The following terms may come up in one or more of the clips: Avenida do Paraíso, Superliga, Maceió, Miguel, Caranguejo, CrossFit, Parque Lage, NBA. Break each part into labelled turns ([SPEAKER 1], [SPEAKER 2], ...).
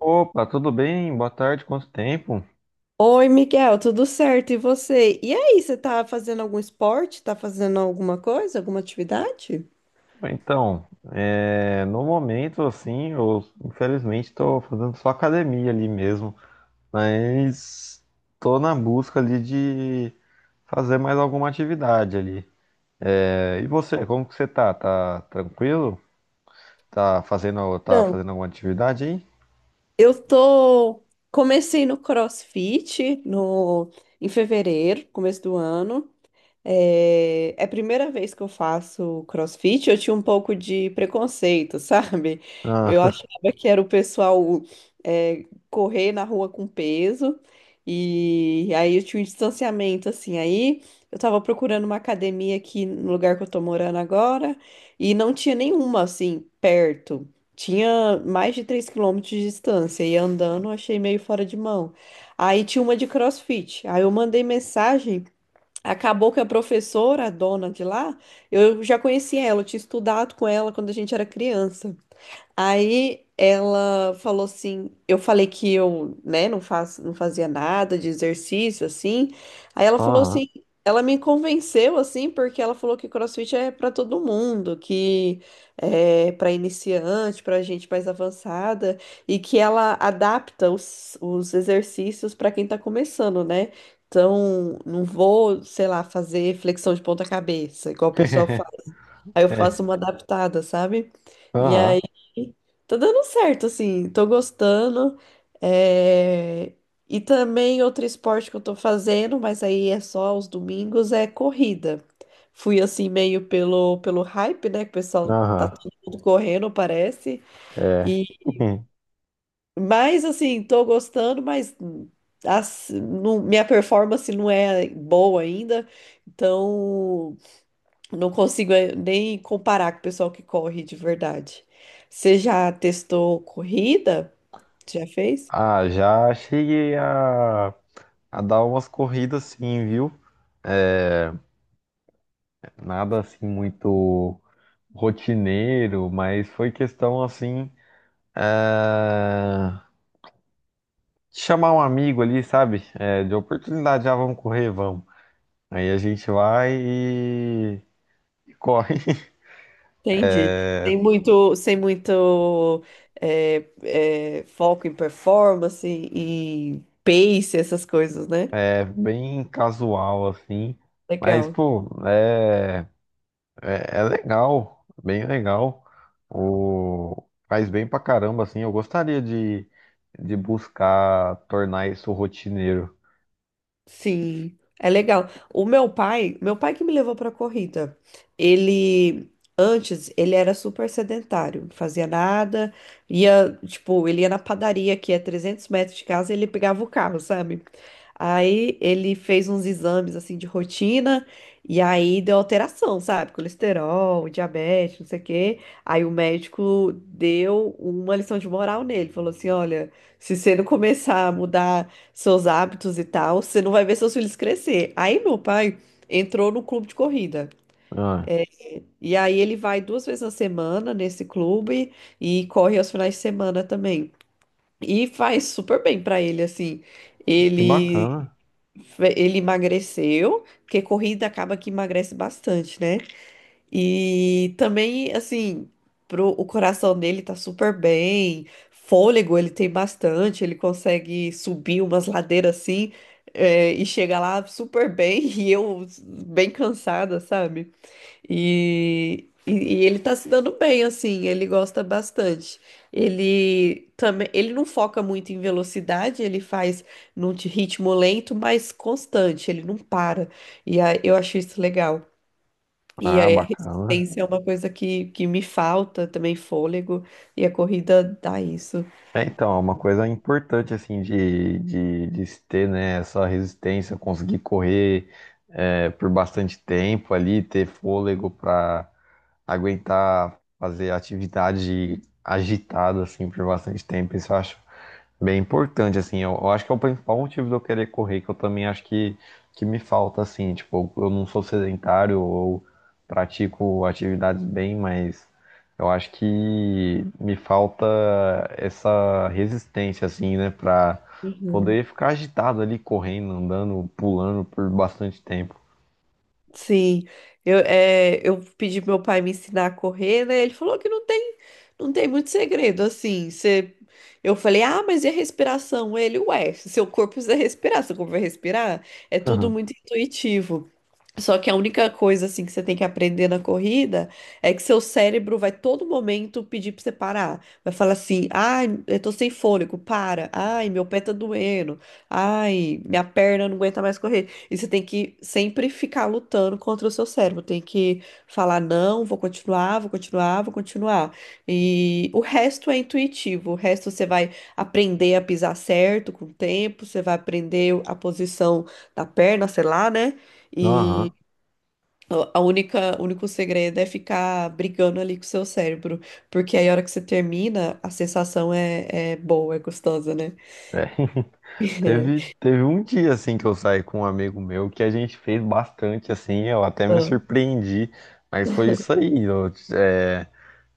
[SPEAKER 1] Opa, tudo bem? Boa tarde, quanto tempo?
[SPEAKER 2] Oi, Miguel, tudo certo? E você? E aí, você tá fazendo algum esporte? Tá fazendo alguma coisa, alguma atividade?
[SPEAKER 1] Então, no momento, assim, eu infelizmente estou fazendo só academia ali mesmo, mas estou na busca ali de fazer mais alguma atividade ali. E você, como que você tá? Tá tranquilo? Tá fazendo, tá
[SPEAKER 2] Não.
[SPEAKER 1] fazendo alguma atividade aí?
[SPEAKER 2] Eu tô Comecei no CrossFit no em fevereiro, começo do ano. É a primeira vez que eu faço CrossFit, eu tinha um pouco de preconceito, sabe? Eu
[SPEAKER 1] Ah,
[SPEAKER 2] achava que era o pessoal é, correr na rua com peso, e aí eu tinha um distanciamento, assim. Aí eu tava procurando uma academia aqui no lugar que eu tô morando agora, e não tinha nenhuma, assim, perto. Tinha mais de 3 quilômetros de distância, e andando eu achei meio fora de mão. Aí tinha uma de CrossFit, aí eu mandei mensagem. Acabou que a professora, a dona de lá, eu já conhecia ela, eu tinha estudado com ela quando a gente era criança. Aí ela falou assim, eu falei que eu, né, não fazia nada de exercício assim. Aí ela falou
[SPEAKER 1] Aham,
[SPEAKER 2] assim, ela me convenceu assim, porque ela falou que CrossFit é para todo mundo, que é para iniciante, para gente mais avançada e que ela adapta os exercícios para quem tá começando, né? Então, não vou, sei lá, fazer flexão de ponta cabeça, igual o pessoal. Aí eu
[SPEAKER 1] é,
[SPEAKER 2] faço uma adaptada, sabe? E
[SPEAKER 1] aham,
[SPEAKER 2] aí tá dando certo, assim, tô gostando. É, e também outro esporte que eu tô fazendo, mas aí é só aos domingos, é corrida. Fui assim meio pelo hype, né? Que o pessoal tá
[SPEAKER 1] aham,
[SPEAKER 2] todo mundo correndo, parece.
[SPEAKER 1] é.
[SPEAKER 2] E mas assim, tô gostando, minha performance não é boa ainda. Então, não consigo nem comparar com o pessoal que corre de verdade. Você já testou corrida? Já fez?
[SPEAKER 1] Ah, já cheguei a dar umas corridas sim, viu? Nada assim muito rotineiro, mas foi questão assim, eh, de chamar um amigo ali, sabe? De oportunidade, já vamos correr, vamos. Aí a gente vai e corre.
[SPEAKER 2] Entendi. Tem muito, sem muito foco em performance, em pace, essas coisas, né?
[SPEAKER 1] É bem casual assim, mas
[SPEAKER 2] Legal.
[SPEAKER 1] pô, é legal, bem legal. O, faz bem pra caramba assim. De buscar tornar isso rotineiro.
[SPEAKER 2] Sim, é legal. O meu pai que me levou pra corrida, ele antes ele era super sedentário, não fazia nada, ia, tipo, ele ia na padaria que é 300 metros de casa, e ele pegava o carro, sabe? Aí ele fez uns exames assim de rotina e aí deu alteração, sabe? Colesterol, diabetes, não sei o quê. Aí o médico deu uma lição de moral nele, falou assim: "Olha, se você não começar a mudar seus hábitos e tal, você não vai ver seus filhos crescer." Aí meu pai entrou no clube de corrida.
[SPEAKER 1] Ah.
[SPEAKER 2] E aí ele vai duas vezes na semana nesse clube e corre aos finais de semana também. E faz super bem pra ele, assim.
[SPEAKER 1] Que
[SPEAKER 2] Ele,
[SPEAKER 1] bacana.
[SPEAKER 2] ele emagreceu, porque corrida acaba que emagrece bastante, né? E também, assim, o coração dele tá super bem, fôlego ele tem bastante, ele consegue subir umas ladeiras assim, é, e chega lá super bem, e eu bem cansada, sabe? E ele tá se dando bem, assim, ele gosta bastante. Ele também, ele não foca muito em velocidade, ele faz num ritmo lento, mas constante, ele não para. E aí, eu acho isso legal. E a
[SPEAKER 1] Ah, bacana.
[SPEAKER 2] resistência é uma coisa que me falta também, fôlego, e a corrida dá isso.
[SPEAKER 1] É uma coisa importante, assim, de se ter, né, essa resistência, conseguir correr por bastante tempo ali, ter fôlego para aguentar fazer atividade agitada, assim, por bastante tempo. Isso eu acho bem importante, assim. Eu acho que é o principal motivo de eu querer correr, que eu também acho que me falta, assim. Tipo, eu não sou sedentário ou pratico atividades bem, mas eu acho que me falta essa resistência, assim, né, pra
[SPEAKER 2] Uhum.
[SPEAKER 1] poder ficar agitado ali, correndo, andando, pulando por bastante tempo.
[SPEAKER 2] Sim, eu, é, eu pedi pro meu pai me ensinar a correr, né? Ele falou que não tem, não tem muito segredo, assim. Você, eu falei, ah, mas e a respiração? Ele, ué, seu corpo precisa respirar, seu corpo vai respirar. É tudo
[SPEAKER 1] Aham,
[SPEAKER 2] muito intuitivo. Só que a única coisa, assim, que você tem que aprender na corrida é que seu cérebro vai todo momento pedir pra você parar. Vai falar assim, ai, eu tô sem fôlego, para. Ai, meu pé tá doendo. Ai, minha perna não aguenta mais correr. E você tem que sempre ficar lutando contra o seu cérebro. Tem que falar, não, vou continuar, vou continuar, vou continuar. E o resto é intuitivo. O resto você vai aprender a pisar certo com o tempo, você vai aprender a posição da perna, sei lá, né? E
[SPEAKER 1] aham.
[SPEAKER 2] o único segredo é ficar brigando ali com o seu cérebro. Porque aí a hora que você termina, a sensação é boa, é gostosa, né?
[SPEAKER 1] É. Teve, teve um dia assim que eu saí com um amigo meu que a gente fez bastante assim, eu até me surpreendi, mas foi isso aí. É,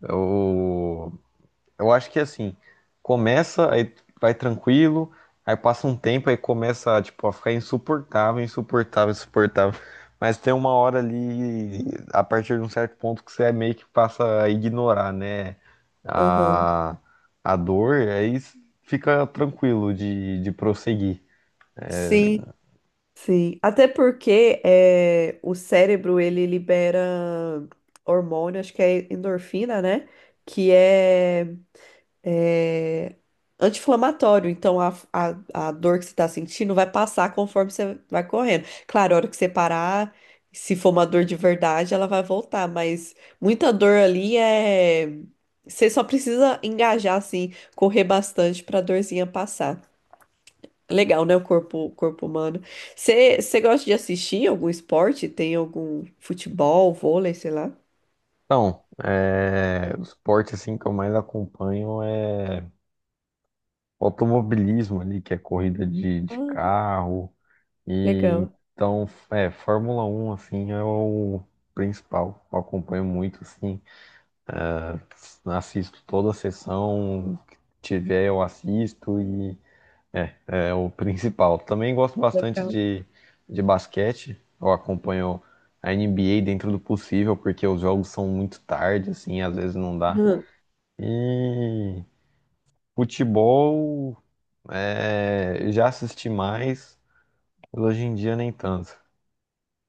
[SPEAKER 1] eu, eu acho que assim, começa, aí vai tranquilo, aí passa um tempo, aí começa tipo, a ficar insuportável. Mas tem uma hora ali, a partir de um certo ponto, que você é meio que passa a ignorar, né?
[SPEAKER 2] Aham.
[SPEAKER 1] A, a dor aí fica tranquilo de prosseguir.
[SPEAKER 2] Sim. Sim, até porque é, o cérebro ele libera hormônio, acho que é endorfina, né? Que é anti-inflamatório. Então a dor que você está sentindo vai passar conforme você vai correndo. Claro, a hora que você parar, se for uma dor de verdade, ela vai voltar, mas muita dor ali é. Você só precisa engajar, assim, correr bastante para a dorzinha passar. Legal, né? O corpo humano. Você gosta de assistir algum esporte? Tem algum futebol, vôlei, sei lá?
[SPEAKER 1] Então, é, o esporte assim que eu mais acompanho é o automobilismo ali, que é corrida de
[SPEAKER 2] Ah,
[SPEAKER 1] carro. E
[SPEAKER 2] legal,
[SPEAKER 1] então, é, Fórmula Um assim é o principal. Eu acompanho muito assim, assisto toda a sessão que tiver eu assisto e é o principal. Também gosto bastante
[SPEAKER 2] legal.
[SPEAKER 1] de basquete. Eu acompanho a NBA dentro do possível, porque os jogos são muito tarde, assim, às vezes não dá.
[SPEAKER 2] Hum.
[SPEAKER 1] E futebol, é, já assisti mais, mas hoje em dia nem tanto.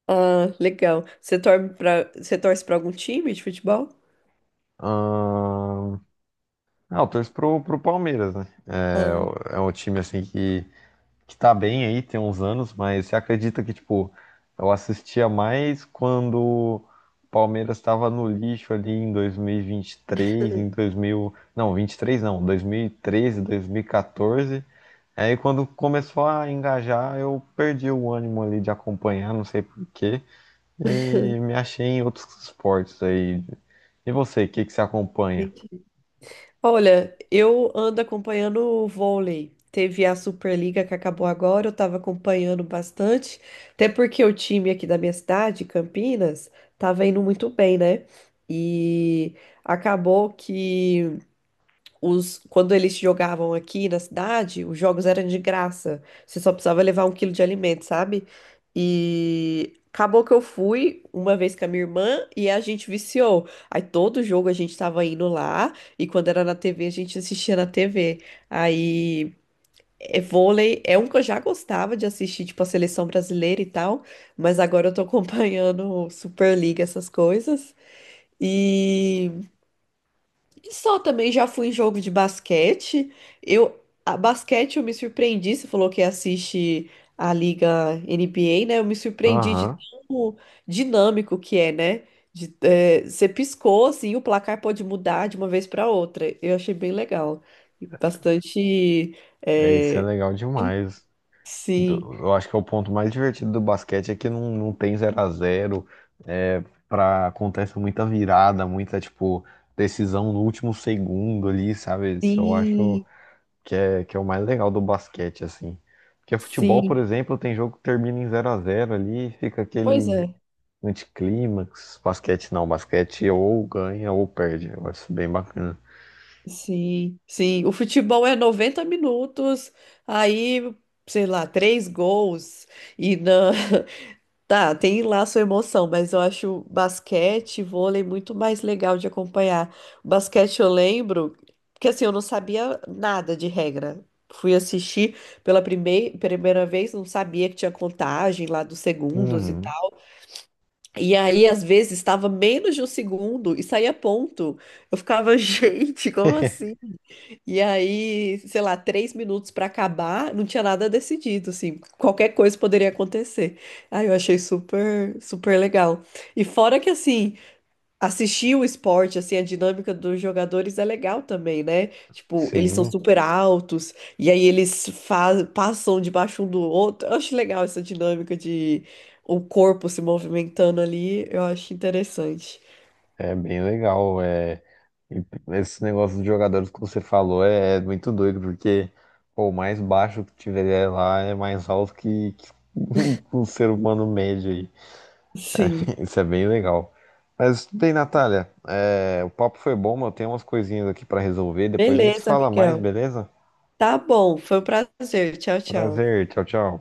[SPEAKER 2] Ah, legal. Você torce para algum time de futebol?
[SPEAKER 1] Ahn, ah, eu torço pro Palmeiras, né?
[SPEAKER 2] Ah,
[SPEAKER 1] É um time assim que tá bem aí, tem uns anos, mas você acredita que, tipo, eu assistia mais quando o Palmeiras estava no lixo ali em 2023, em 2000, não, 23 não, 2013, 2014. Aí quando começou a engajar, eu perdi o ânimo ali de acompanhar, não sei por quê. E me achei em outros esportes aí. E você, o que que você acompanha?
[SPEAKER 2] entendi. Olha, eu ando acompanhando o vôlei. Teve a Superliga que acabou agora, eu estava acompanhando bastante, até porque o time aqui da minha cidade, Campinas, tava indo muito bem, né? E acabou que os, quando eles jogavam aqui na cidade, os jogos eram de graça. Você só precisava levar 1 quilo de alimento, sabe? E acabou que eu fui uma vez com a minha irmã e a gente viciou. Aí todo jogo a gente tava indo lá e quando era na TV a gente assistia na TV. Aí é, vôlei é um que eu já gostava de assistir, tipo a seleção brasileira e tal, mas agora eu tô acompanhando Superliga, essas coisas. E e só também já fui em jogo de basquete. Eu, a basquete eu me surpreendi, você falou que assiste a Liga NBA, né? Eu me surpreendi de
[SPEAKER 1] Aham,
[SPEAKER 2] tão dinâmico que é, né? De, é, você piscou, assim, o placar pode mudar de uma vez para outra. Eu achei bem legal. E bastante.
[SPEAKER 1] é, isso é
[SPEAKER 2] É,
[SPEAKER 1] legal demais. Do-
[SPEAKER 2] sim,
[SPEAKER 1] Eu acho que é o ponto mais divertido do basquete é que não, não tem zero a zero. É, pra, acontece muita virada, muita, tipo, decisão no último segundo ali, sabe? Isso eu acho
[SPEAKER 2] sim,
[SPEAKER 1] que é o mais legal do basquete, assim. Porque futebol, por
[SPEAKER 2] sim.
[SPEAKER 1] exemplo, tem jogo que termina em zero a zero ali, fica
[SPEAKER 2] Pois
[SPEAKER 1] aquele
[SPEAKER 2] é.
[SPEAKER 1] anticlímax, basquete não, basquete ou ganha ou perde. Eu acho bem bacana.
[SPEAKER 2] Sim, sim. O futebol é 90 minutos, aí, sei lá, três gols e na... Tá, tem lá sua emoção, mas eu acho basquete, vôlei muito mais legal de acompanhar. O basquete eu lembro, porque assim, eu não sabia nada de regra. Fui assistir pela primeira vez, não sabia que tinha contagem lá dos segundos e
[SPEAKER 1] Uhum.
[SPEAKER 2] tal. E aí, às vezes, estava menos de 1 segundo e saía ponto. Eu ficava, gente, como assim? E aí, sei lá, 3 minutos pra acabar, não tinha nada decidido, assim, qualquer coisa poderia acontecer. Aí eu achei super, super legal. E fora que, assim, assistir o esporte, assim, a dinâmica dos jogadores é legal também, né? Tipo, eles são
[SPEAKER 1] Sim,
[SPEAKER 2] super altos, e aí eles passam debaixo um do outro. Eu acho legal essa dinâmica de o corpo se movimentando ali, eu acho interessante.
[SPEAKER 1] é bem legal. É, e esse negócio dos jogadores que você falou é muito doido, porque pô, o mais baixo que tiver lá é mais alto que um ser humano médio aí.
[SPEAKER 2] Sim.
[SPEAKER 1] Isso é bem legal. Mas bem, Natália, é, o papo foi bom, mas eu tenho umas coisinhas aqui pra resolver. Depois a gente
[SPEAKER 2] Beleza,
[SPEAKER 1] fala mais,
[SPEAKER 2] Miguel.
[SPEAKER 1] beleza?
[SPEAKER 2] Tá bom, foi um prazer. Tchau, tchau.
[SPEAKER 1] Prazer, tchau, tchau.